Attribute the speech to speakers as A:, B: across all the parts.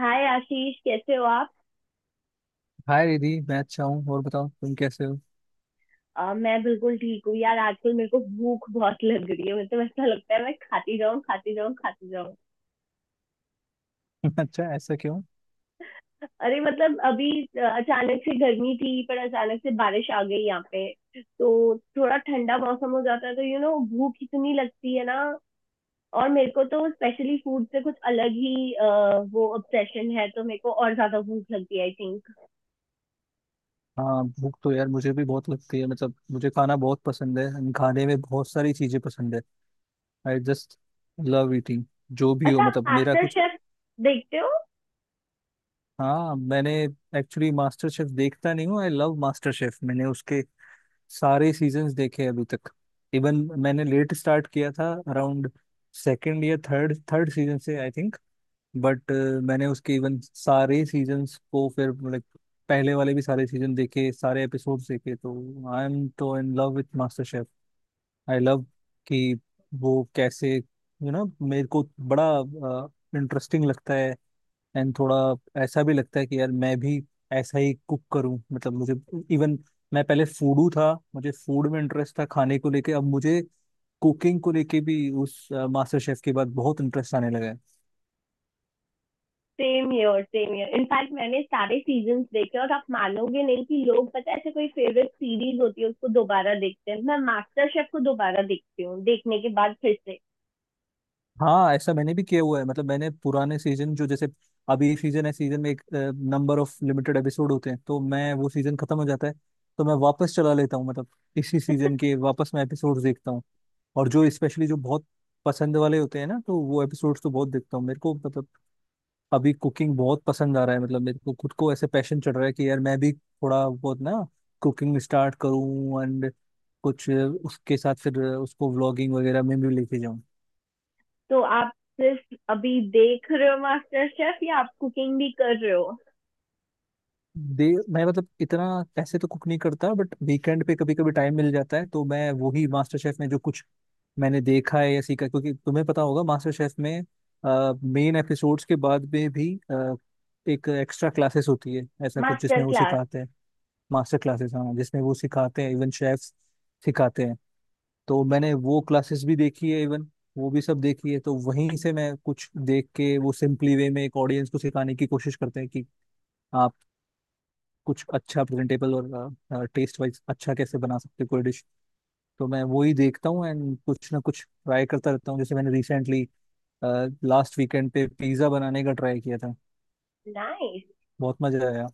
A: हाय आशीष, कैसे हो आप।
B: हाय रिधि, मैं अच्छा हूँ। और बताओ तुम कैसे हो?
A: मैं बिल्कुल ठीक हूँ यार। आजकल मेरे को भूख बहुत लग रही है। मेरे तो ऐसा लगता है मैं खाती जाऊँ खाती जाऊँ खाती जाऊँ।
B: अच्छा, ऐसा क्यों?
A: अरे मतलब अभी अचानक से गर्मी थी, पर अचानक से बारिश आ गई यहाँ पे। तो थोड़ा ठंडा मौसम हो जाता है, तो यू नो भूख इतनी लगती है ना। और मेरे को तो स्पेशली फूड से कुछ अलग ही वो ऑब्सेशन है, तो मेरे को और ज्यादा भूख लगती है आई थिंक।
B: हाँ, भूख तो यार मुझे भी बहुत लगती है। मतलब मुझे खाना बहुत पसंद है and खाने में बहुत सारी चीजें पसंद है। I just love eating. जो भी हो,
A: अच्छा, आप
B: मतलब मेरा
A: मास्टर
B: कुछ
A: शेफ देखते हो।
B: हाँ, मैंने एक्चुअली मास्टर शेफ देखता नहीं हूँ, आई लव मास्टर शेफ। मैंने उसके सारे सीजन्स देखे हैं अभी तक। इवन मैंने लेट स्टार्ट किया था अराउंड सेकेंड या थर्ड थर्ड सीजन से आई थिंक। बट मैंने उसके इवन सारे सीजन्स को फिर लाइक पहले वाले भी सारे सीजन देखे, सारे एपिसोड्स देखे। तो I am so in love with MasterChef. I love कि वो कैसे, यू नो, मेरे को बड़ा इंटरेस्टिंग लगता है। एंड थोड़ा ऐसा भी लगता है कि यार मैं भी ऐसा ही कुक करूं। मतलब मुझे इवन, मैं पहले फूडू था, मुझे फूड में इंटरेस्ट था खाने को लेके। अब मुझे कुकिंग को लेके भी उस मास्टर शेफ के बाद बहुत इंटरेस्ट आने लगा है।
A: Same year same year, in fact मैंने सारे सीजन देखे। और आप मानोगे नहीं कि लोग, पता है, ऐसे कोई फेवरेट सीरीज होती है उसको दोबारा देखते हैं, मैं मास्टर शेफ को दोबारा देखती हूँ, देखने के बाद फिर से।
B: हाँ, ऐसा मैंने भी किया हुआ है। मतलब मैंने पुराने सीजन जो, जैसे अभी सीजन है, सीजन में एक नंबर ऑफ लिमिटेड एपिसोड होते हैं, तो मैं वो सीजन खत्म हो जाता है तो मैं वापस चला लेता हूँ, मतलब इसी सीजन के वापस मैं एपिसोड देखता हूँ। और जो स्पेशली जो बहुत पसंद वाले होते हैं ना, तो वो एपिसोड्स तो बहुत देखता हूँ। मेरे को मतलब अभी कुकिंग बहुत पसंद आ रहा है। मतलब मेरे को खुद को ऐसे पैशन चढ़ रहा है कि यार मैं भी थोड़ा बहुत ना कुकिंग स्टार्ट करूँ एंड कुछ उसके साथ फिर उसको व्लॉगिंग वगैरह में भी लेके जाऊँ।
A: तो आप सिर्फ अभी देख रहे हो मास्टर शेफ या आप कुकिंग भी कर रहे हो?
B: दे मैं, मतलब इतना ऐसे तो कुक नहीं करता, बट वीकेंड पे कभी कभी टाइम मिल जाता है तो मैं वही मास्टर शेफ में जो कुछ मैंने देखा है या सीखा है, क्योंकि तुम्हें पता होगा मास्टर शेफ में मेन एपिसोड्स के बाद में भी एक एक्स्ट्रा क्लासेस होती है, ऐसा कुछ जिसमें
A: मास्टर
B: वो
A: क्लास।
B: सिखाते हैं। मास्टर क्लासेस, हाँ, जिसमें वो सिखाते हैं, इवन शेफ सिखाते हैं। तो मैंने वो क्लासेस भी देखी है, इवन वो भी सब देखी है। तो वहीं से मैं कुछ देख के, वो सिंपली वे में एक ऑडियंस को सिखाने की कोशिश करते हैं कि कुछ अच्छा प्रेजेंटेबल और टेस्ट वाइज अच्छा कैसे बना सकते हैं कोई डिश। तो मैं वो ही देखता हूँ एंड कुछ ना कुछ ट्राई करता रहता हूँ। जैसे मैंने रिसेंटली लास्ट वीकेंड पे पिज्ज़ा बनाने का ट्राई किया था।
A: नाइस।
B: बहुत मजा आया।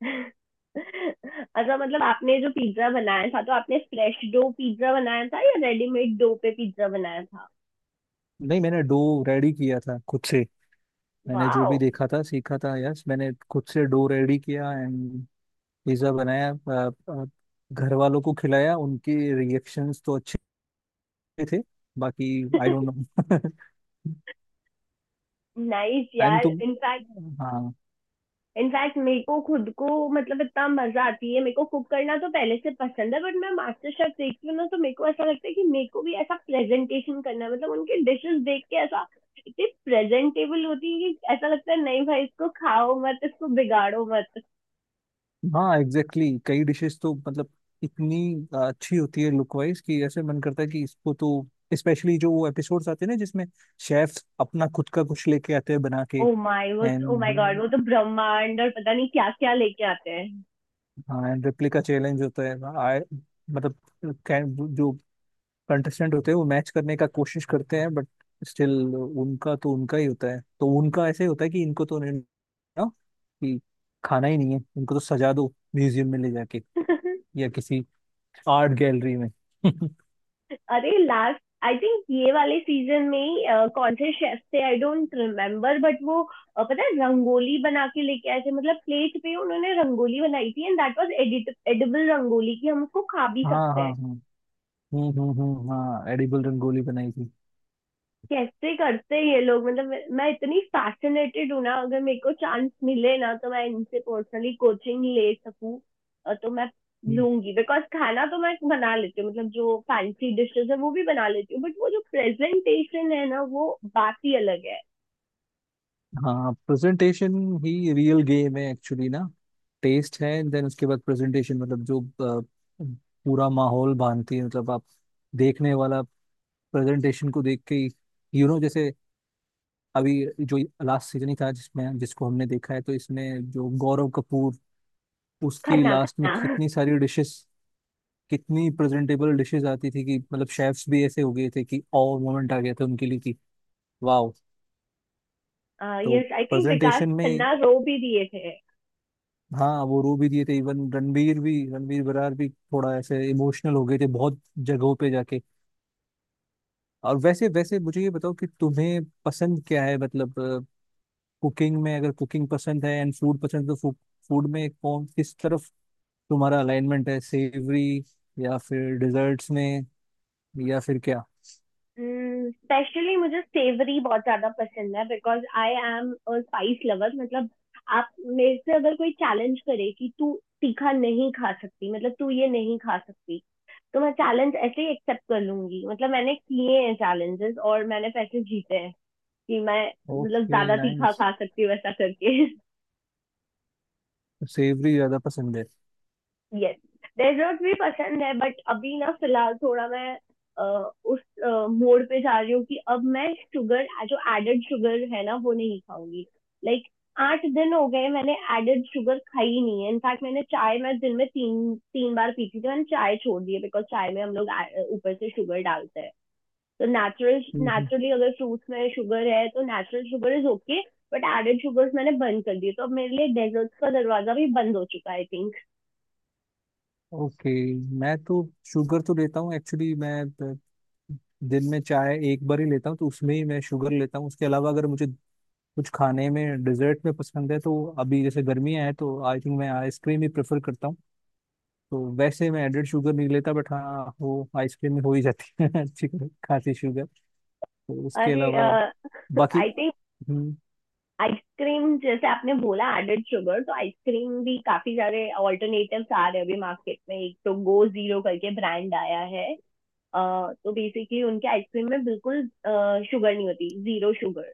A: अच्छा, मतलब आपने जो पिज्जा बनाया था, तो आपने फ्रेश डो पिज्जा बनाया था या रेडीमेड डो पे पिज्जा बनाया था?
B: नहीं, मैंने डो रेडी किया था खुद से। मैंने जो
A: वाओ।
B: भी देखा था सीखा था, यस, मैंने खुद से डो रेडी किया एंड पिज्ज़ा बनाया। घर वालों को खिलाया, उनके रिएक्शंस तो अच्छे थे। बाकी I don't no.
A: Nice
B: and
A: यार।
B: तुम
A: इनफैक्ट
B: हाँ,
A: इनफैक्ट मेरे को खुद को, मतलब इतना मजा आती है, मेरे को कुक करना तो पहले से पसंद है, बट मैं मास्टर शेफ देखती हूँ ना, तो मेरे को ऐसा लगता है कि मेरे को भी ऐसा प्रेजेंटेशन करना है। मतलब उनके डिशेस देख के ऐसा, इतनी प्रेजेंटेबल होती है कि ऐसा लगता है, नहीं भाई इसको खाओ मत, इसको बिगाड़ो मत।
B: हाँ एग्जैक्टली, exactly. कई डिशेस तो, मतलब इतनी अच्छी होती है लुक वाइज कि ऐसे मन करता है कि इसको तो, स्पेशली जो वो एपिसोड्स आते हैं ना जिसमें शेफ्स अपना खुद का कुछ लेके आते हैं बना के
A: ओ माय वो ओ माय गॉड,
B: एंड।
A: वो तो ब्रह्मांड और पता नहीं क्या क्या लेके आते हैं।
B: हाँ एंड रेप्लिका चैलेंज होता है, मतलब जो कंटेस्टेंट होते हैं वो मैच करने का कोशिश करते हैं, बट स्टिल उनका तो उनका ही होता है। तो उनका ऐसे होता है कि इनको तो नहीं ना, कि खाना ही नहीं है इनको, तो सजा दो म्यूजियम में ले जाके या किसी आर्ट गैलरी में।
A: अरे लास्ट, आई थिंक ये वाले सीजन में ही कौन से शेफ थे आई डोंट रिमेम्बर, बट वो पता है, रंगोली बना के लेके आए थे। मतलब प्लेट पे उन्होंने रंगोली बनाई थी, and that was edit edible rangoli, कि हम उसको खा भी
B: हाँ, हाँ,
A: सकते
B: हाँ।
A: हैं।
B: हम्म, हम्म, हम्म, हाँ, एडिबल रंगोली बनाई थी।
A: कैसे करते हैं ये लोग, मतलब मैं इतनी फैसिनेटेड हूँ ना, अगर मेरे को चांस मिले ना तो मैं इनसे पर्सनली कोचिंग ले सकूँ। तो मैं
B: हम्म।
A: लूंगी, बिकॉज खाना तो मैं बना लेती हूँ, मतलब जो फैंसी डिशेस है वो भी बना लेती हूँ, बट वो जो प्रेजेंटेशन है ना, वो बात ही अलग है।
B: हाँ, प्रेजेंटेशन ही रियल गेम है एक्चुअली ना। टेस्ट है, देन उसके बाद प्रेजेंटेशन। मतलब जो पूरा माहौल बांधती है, मतलब आप देखने वाला प्रेजेंटेशन को देख के, यू नो, जैसे अभी जो लास्ट सीजन ही था जिसमें, जिसको हमने देखा है, तो इसमें जो गौरव कपूर उसकी
A: खन्ना,
B: लास्ट में
A: खन्ना।
B: कितनी सारी डिशेस, कितनी प्रेजेंटेबल डिशेस आती थी कि मतलब शेफ्स भी ऐसे हो गए थे कि और मोमेंट आ गया था उनके लिए कि वाह। तो
A: yes I think Vikas
B: presentation में ही
A: खन्ना रो भी दिए थे।
B: हाँ, वो रो भी दिए थे, इवन रणवीर भी, रणवीर बरार भी थोड़ा ऐसे इमोशनल हो गए थे बहुत जगहों पे जाके। और वैसे वैसे मुझे ये बताओ कि तुम्हें पसंद क्या है? मतलब कुकिंग में, अगर कुकिंग पसंद है एंड फूड पसंद है, तो फूड में कौन किस तरफ तुम्हारा अलाइनमेंट है, सेवरी या फिर डिजर्ट्स में, या फिर क्या?
A: स्पेशली मुझे सेवरी बहुत ज्यादा पसंद है, because I am a spice lover. मतलब आप, मेरे से अगर कोई चैलेंज करे कि तू तीखा नहीं खा सकती, मतलब तू ये नहीं खा सकती, तो मैं चैलेंज ऐसे ही एक्सेप्ट कर लूंगी। मतलब मैंने किए हैं चैलेंजेस और मैंने पैसे जीते हैं, कि मैं, मतलब
B: ओके,
A: ज्यादा तीखा
B: नाइस।
A: खा सकती हूँ वैसा करके।
B: सेवरी ज्यादा पसंद है।
A: यस। डेजर्ट भी पसंद है, बट अभी ना, फिलहाल थोड़ा मैं अ, उस मोड पे जा रही हूँ कि अब मैं शुगर, जो एडेड शुगर है ना, वो नहीं खाऊंगी। लाइक 8 दिन हो गए, मैंने एडेड शुगर खाई ही नहीं है। इनफैक्ट मैंने चाय, मैं दिन में तीन तीन बार पीती थी, मैंने चाय छोड़ दी है, बिकॉज चाय में हम लोग ऊपर से शुगर डालते हैं। तो नेचुरल
B: हम्म,
A: नेचुरली अगर फ्रूट्स में शुगर है तो natural sugar is okay. But added sugars मैंने बंद कर दिए, तो अब मेरे लिए डेजर्ट्स का दरवाजा भी बंद हो चुका है आई थिंक।
B: ओके। मैं तो शुगर तो लेता हूँ एक्चुअली। मैं दिन में चाय एक बार ही लेता हूँ, तो उसमें ही मैं शुगर लेता हूँ। उसके अलावा अगर मुझे कुछ खाने में डिजर्ट में पसंद है तो अभी जैसे गर्मियाँ हैं, तो आई थिंक मैं आइसक्रीम ही प्रेफर करता हूँ। तो वैसे मैं एडेड शुगर नहीं लेता, बट हाँ, वो आइसक्रीम में हो ही जाती है अच्छी खासी शुगर। तो उसके
A: अरे।
B: अलावा
A: आई
B: बाकी
A: थिंक
B: हम्म।
A: आइसक्रीम, जैसे आपने बोला एडेड शुगर, तो आइसक्रीम भी काफी सारे ऑल्टरनेटिव्स आ रहे हैं अभी मार्केट में। एक तो गो जीरो करके ब्रांड आया है। अ, तो बेसिकली उनके आइसक्रीम में बिल्कुल शुगर नहीं होती, जीरो शुगर।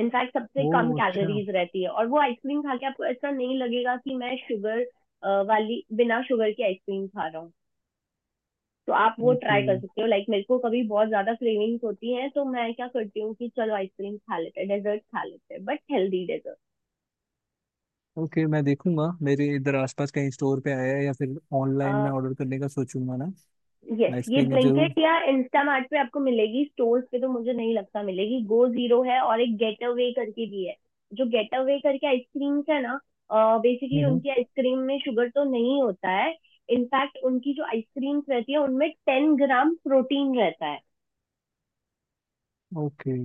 A: इनफैक्ट सबसे कम
B: ओ, अच्छा।
A: कैलोरीज रहती है, और वो आइसक्रीम खा के आपको ऐसा नहीं लगेगा कि मैं शुगर वाली, बिना शुगर की आइसक्रीम खा रहा हूँ। तो आप वो
B: ओके,
A: ट्राई कर सकते हो। लाइक, मेरे को कभी बहुत ज्यादा क्रेविंग्स होती हैं, तो मैं क्या करती हूँ कि चलो आइसक्रीम खा लेते हैं, डेजर्ट खा लेते हैं, बट हेल्दी डेजर्ट।
B: ओके, मैं देखूंगा मेरे इधर आसपास कहीं स्टोर पे आया है, या फिर ऑनलाइन में ऑर्डर करने का सोचूंगा ना।
A: यस, ये
B: आइसक्रीम भी जरूर।
A: ब्लिंकिट या इंस्टामार्ट पे आपको मिलेगी। स्टोर्स पे तो मुझे नहीं लगता मिलेगी। गो जीरो है, और एक गेट अवे करके भी है। जो गेट अवे करके आइसक्रीम्स है ना, बेसिकली
B: हम्म।
A: उनकी आइसक्रीम में शुगर तो नहीं होता है। इनफैक्ट उनकी जो आइसक्रीम्स रहती है, उनमें 10 ग्राम प्रोटीन रहता है।
B: ओके,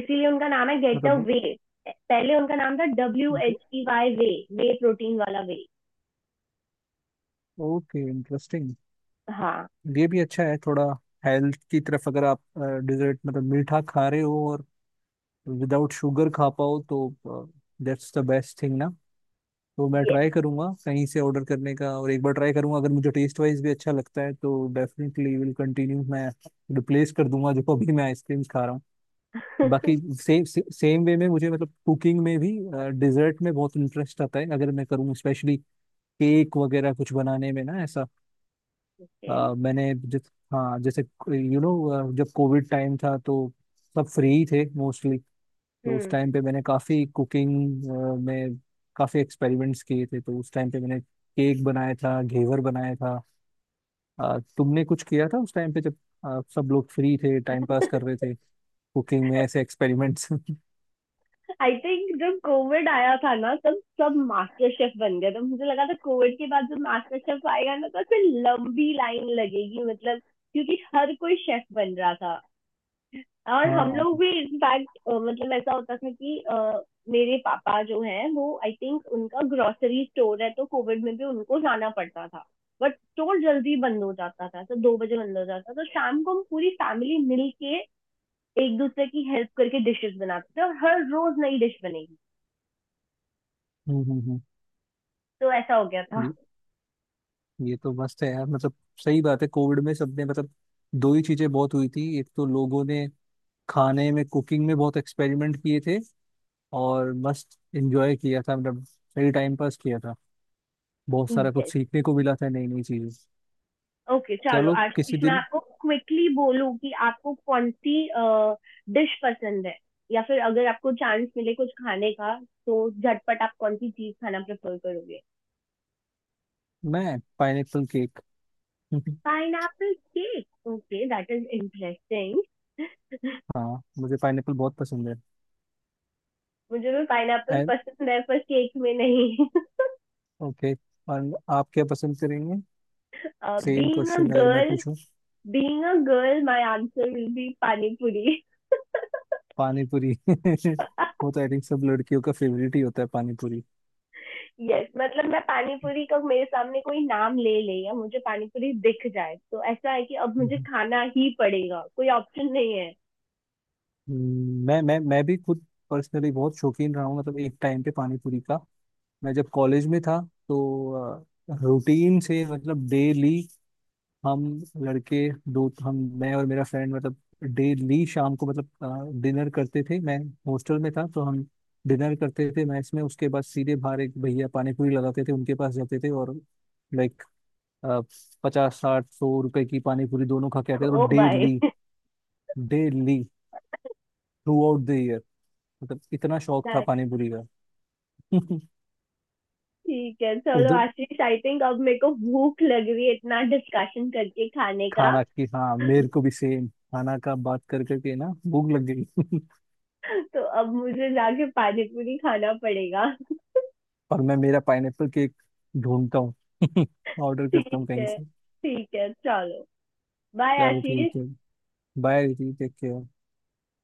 A: इसीलिए उनका नाम है गेट
B: मतलब
A: अवे। पहले उनका नाम था WHEY, वे। वे प्रोटीन वाला वे।
B: Okay, interesting.
A: हाँ।
B: ये भी अच्छा है, थोड़ा हेल्थ की तरफ अगर आप डिजर्ट मतलब मीठा खा रहे हो और विदाउट शुगर खा पाओ तो दैट्स द बेस्ट थिंग ना। तो मैं
A: ये।
B: ट्राई करूंगा कहीं से ऑर्डर करने का, और एक बार ट्राई करूंगा। अगर मुझे टेस्ट वाइज भी अच्छा लगता है तो डेफिनेटली विल कंटिन्यू। मैं रिप्लेस कर दूंगा जो अभी मैं आइसक्रीम खा रहा हूँ। बाकी सेम सेम वे में मुझे, मतलब कुकिंग में भी डिजर्ट में बहुत इंटरेस्ट आता है अगर मैं करूँ, स्पेशली केक वगैरह कुछ बनाने में ना। ऐसा मैंने जिस हाँ, जैसे यू नो जब कोविड टाइम था तो सब फ्री ही थे मोस्टली। तो उस टाइम
A: हम्म।
B: पे मैंने काफ़ी कुकिंग में काफ़ी एक्सपेरिमेंट्स किए थे। तो उस टाइम पे मैंने केक बनाया था, घेवर बनाया था। तुमने कुछ किया था उस टाइम पे जब सब लोग फ्री थे, टाइम पास कर रहे थे, कुकिंग में ऐसे एक्सपेरिमेंट्स?
A: आई थिंक जब कोविड आया था ना, तब सब मास्टर शेफ बन गए। तो मुझे लगा था कोविड के बाद जब मास्टर शेफ आएगा ना, तो ऐसे लंबी लाइन लगेगी, मतलब क्योंकि हर कोई शेफ बन रहा था। और हम
B: हाँ,
A: लोग भी इनफैक्ट, मतलब ऐसा होता था कि मेरे पापा जो हैं वो, आई थिंक उनका ग्रोसरी स्टोर है, तो कोविड में भी उनको जाना पड़ता था। बट स्टोर जल्दी बंद हो जाता था, तो 2 बजे बंद हो जाता था। तो शाम को हम पूरी फैमिली मिल के, एक दूसरे की हेल्प करके डिशेस बनाते थे, और हर रोज नई डिश बनेगी।
B: हम्म, हम्म,
A: तो ऐसा हो गया था।
B: ये ये तो मस्त है यार। मतलब सही बात है, कोविड में सबने, मतलब दो ही चीजें बहुत हुई थी, एक तो लोगों ने खाने में, कुकिंग में बहुत एक्सपेरिमेंट किए थे और मस्त एंजॉय किया था। मतलब सही टाइम पास किया था, बहुत सारा कुछ
A: यस।
B: सीखने को मिला था, नई नई चीजें।
A: ओके okay, चलो
B: चलो
A: आशीष,
B: किसी
A: मैं
B: दिन।
A: आपको क्विकली बोलूं कि आपको कौन सी डिश पसंद है, या फिर अगर आपको चांस मिले कुछ खाने का, तो झटपट आप कौन सी चीज खाना प्रेफर करोगे?
B: मैं pineapple cake.
A: Pine Apple cake, okay, that is interesting.
B: हाँ, मुझे पाइनएप्पल बहुत पसंद है।
A: मुझे भी पाइन एप्पल
B: एंड
A: पसंद है, पर केक में नहीं।
B: ओके, और आप क्या पसंद करेंगे? सेम
A: बीइंग अ
B: क्वेश्चन अगर मैं
A: गर्ल
B: पूछूं।
A: Being a girl, my answer will be pani puri.
B: पानी पूरी वो तो आई थिंक सब लड़कियों का फेवरेट ही होता है, पानी पूरी।
A: यस, मतलब मैं पानीपुरी का मेरे सामने कोई नाम ले ले, या मुझे पानीपुरी दिख जाए, तो ऐसा है कि अब मुझे
B: हम्म,
A: खाना ही पड़ेगा, कोई ऑप्शन नहीं है।
B: मैं भी खुद पर्सनली बहुत शौकीन रहा हूँ, मतलब एक टाइम पे पानी पूरी का। मैं जब कॉलेज में था तो रूटीन से, मतलब डेली हम लड़के दो, हम मैं और मेरा फ्रेंड, मतलब डेली शाम को, मतलब डिनर करते थे। मैं हॉस्टल में था तो हम डिनर करते थे मैस में, उसके बाद सीधे बाहर एक भैया पानी पूरी लगाते थे, उनके पास जाते थे और लाइक 50 60 100 रुपए की पानी पूरी दोनों खा के आते थे। और
A: ओ भाई।
B: Daily daily throughout the year, मतलब इतना शौक था पानी पूरी का।
A: ठीक है, चलो
B: उधर
A: आशीष, आई थिंक अब मेरे को भूख लग रही है इतना डिस्कशन करके खाने का।
B: खाना की, हाँ, मेरे को भी सेम खाना का बात कर करके ना भूख लग गई।
A: तो अब मुझे जाके पानीपुरी खाना पड़ेगा।
B: पर मैं, मेरा पाइनएप्पल केक ढूंढता हूँ ऑर्डर करता
A: ठीक
B: हूँ कहीं
A: है,
B: से।
A: ठीक है, चलो। बाय
B: चलो,
A: आशीष।
B: ठीक है। Bye, take care.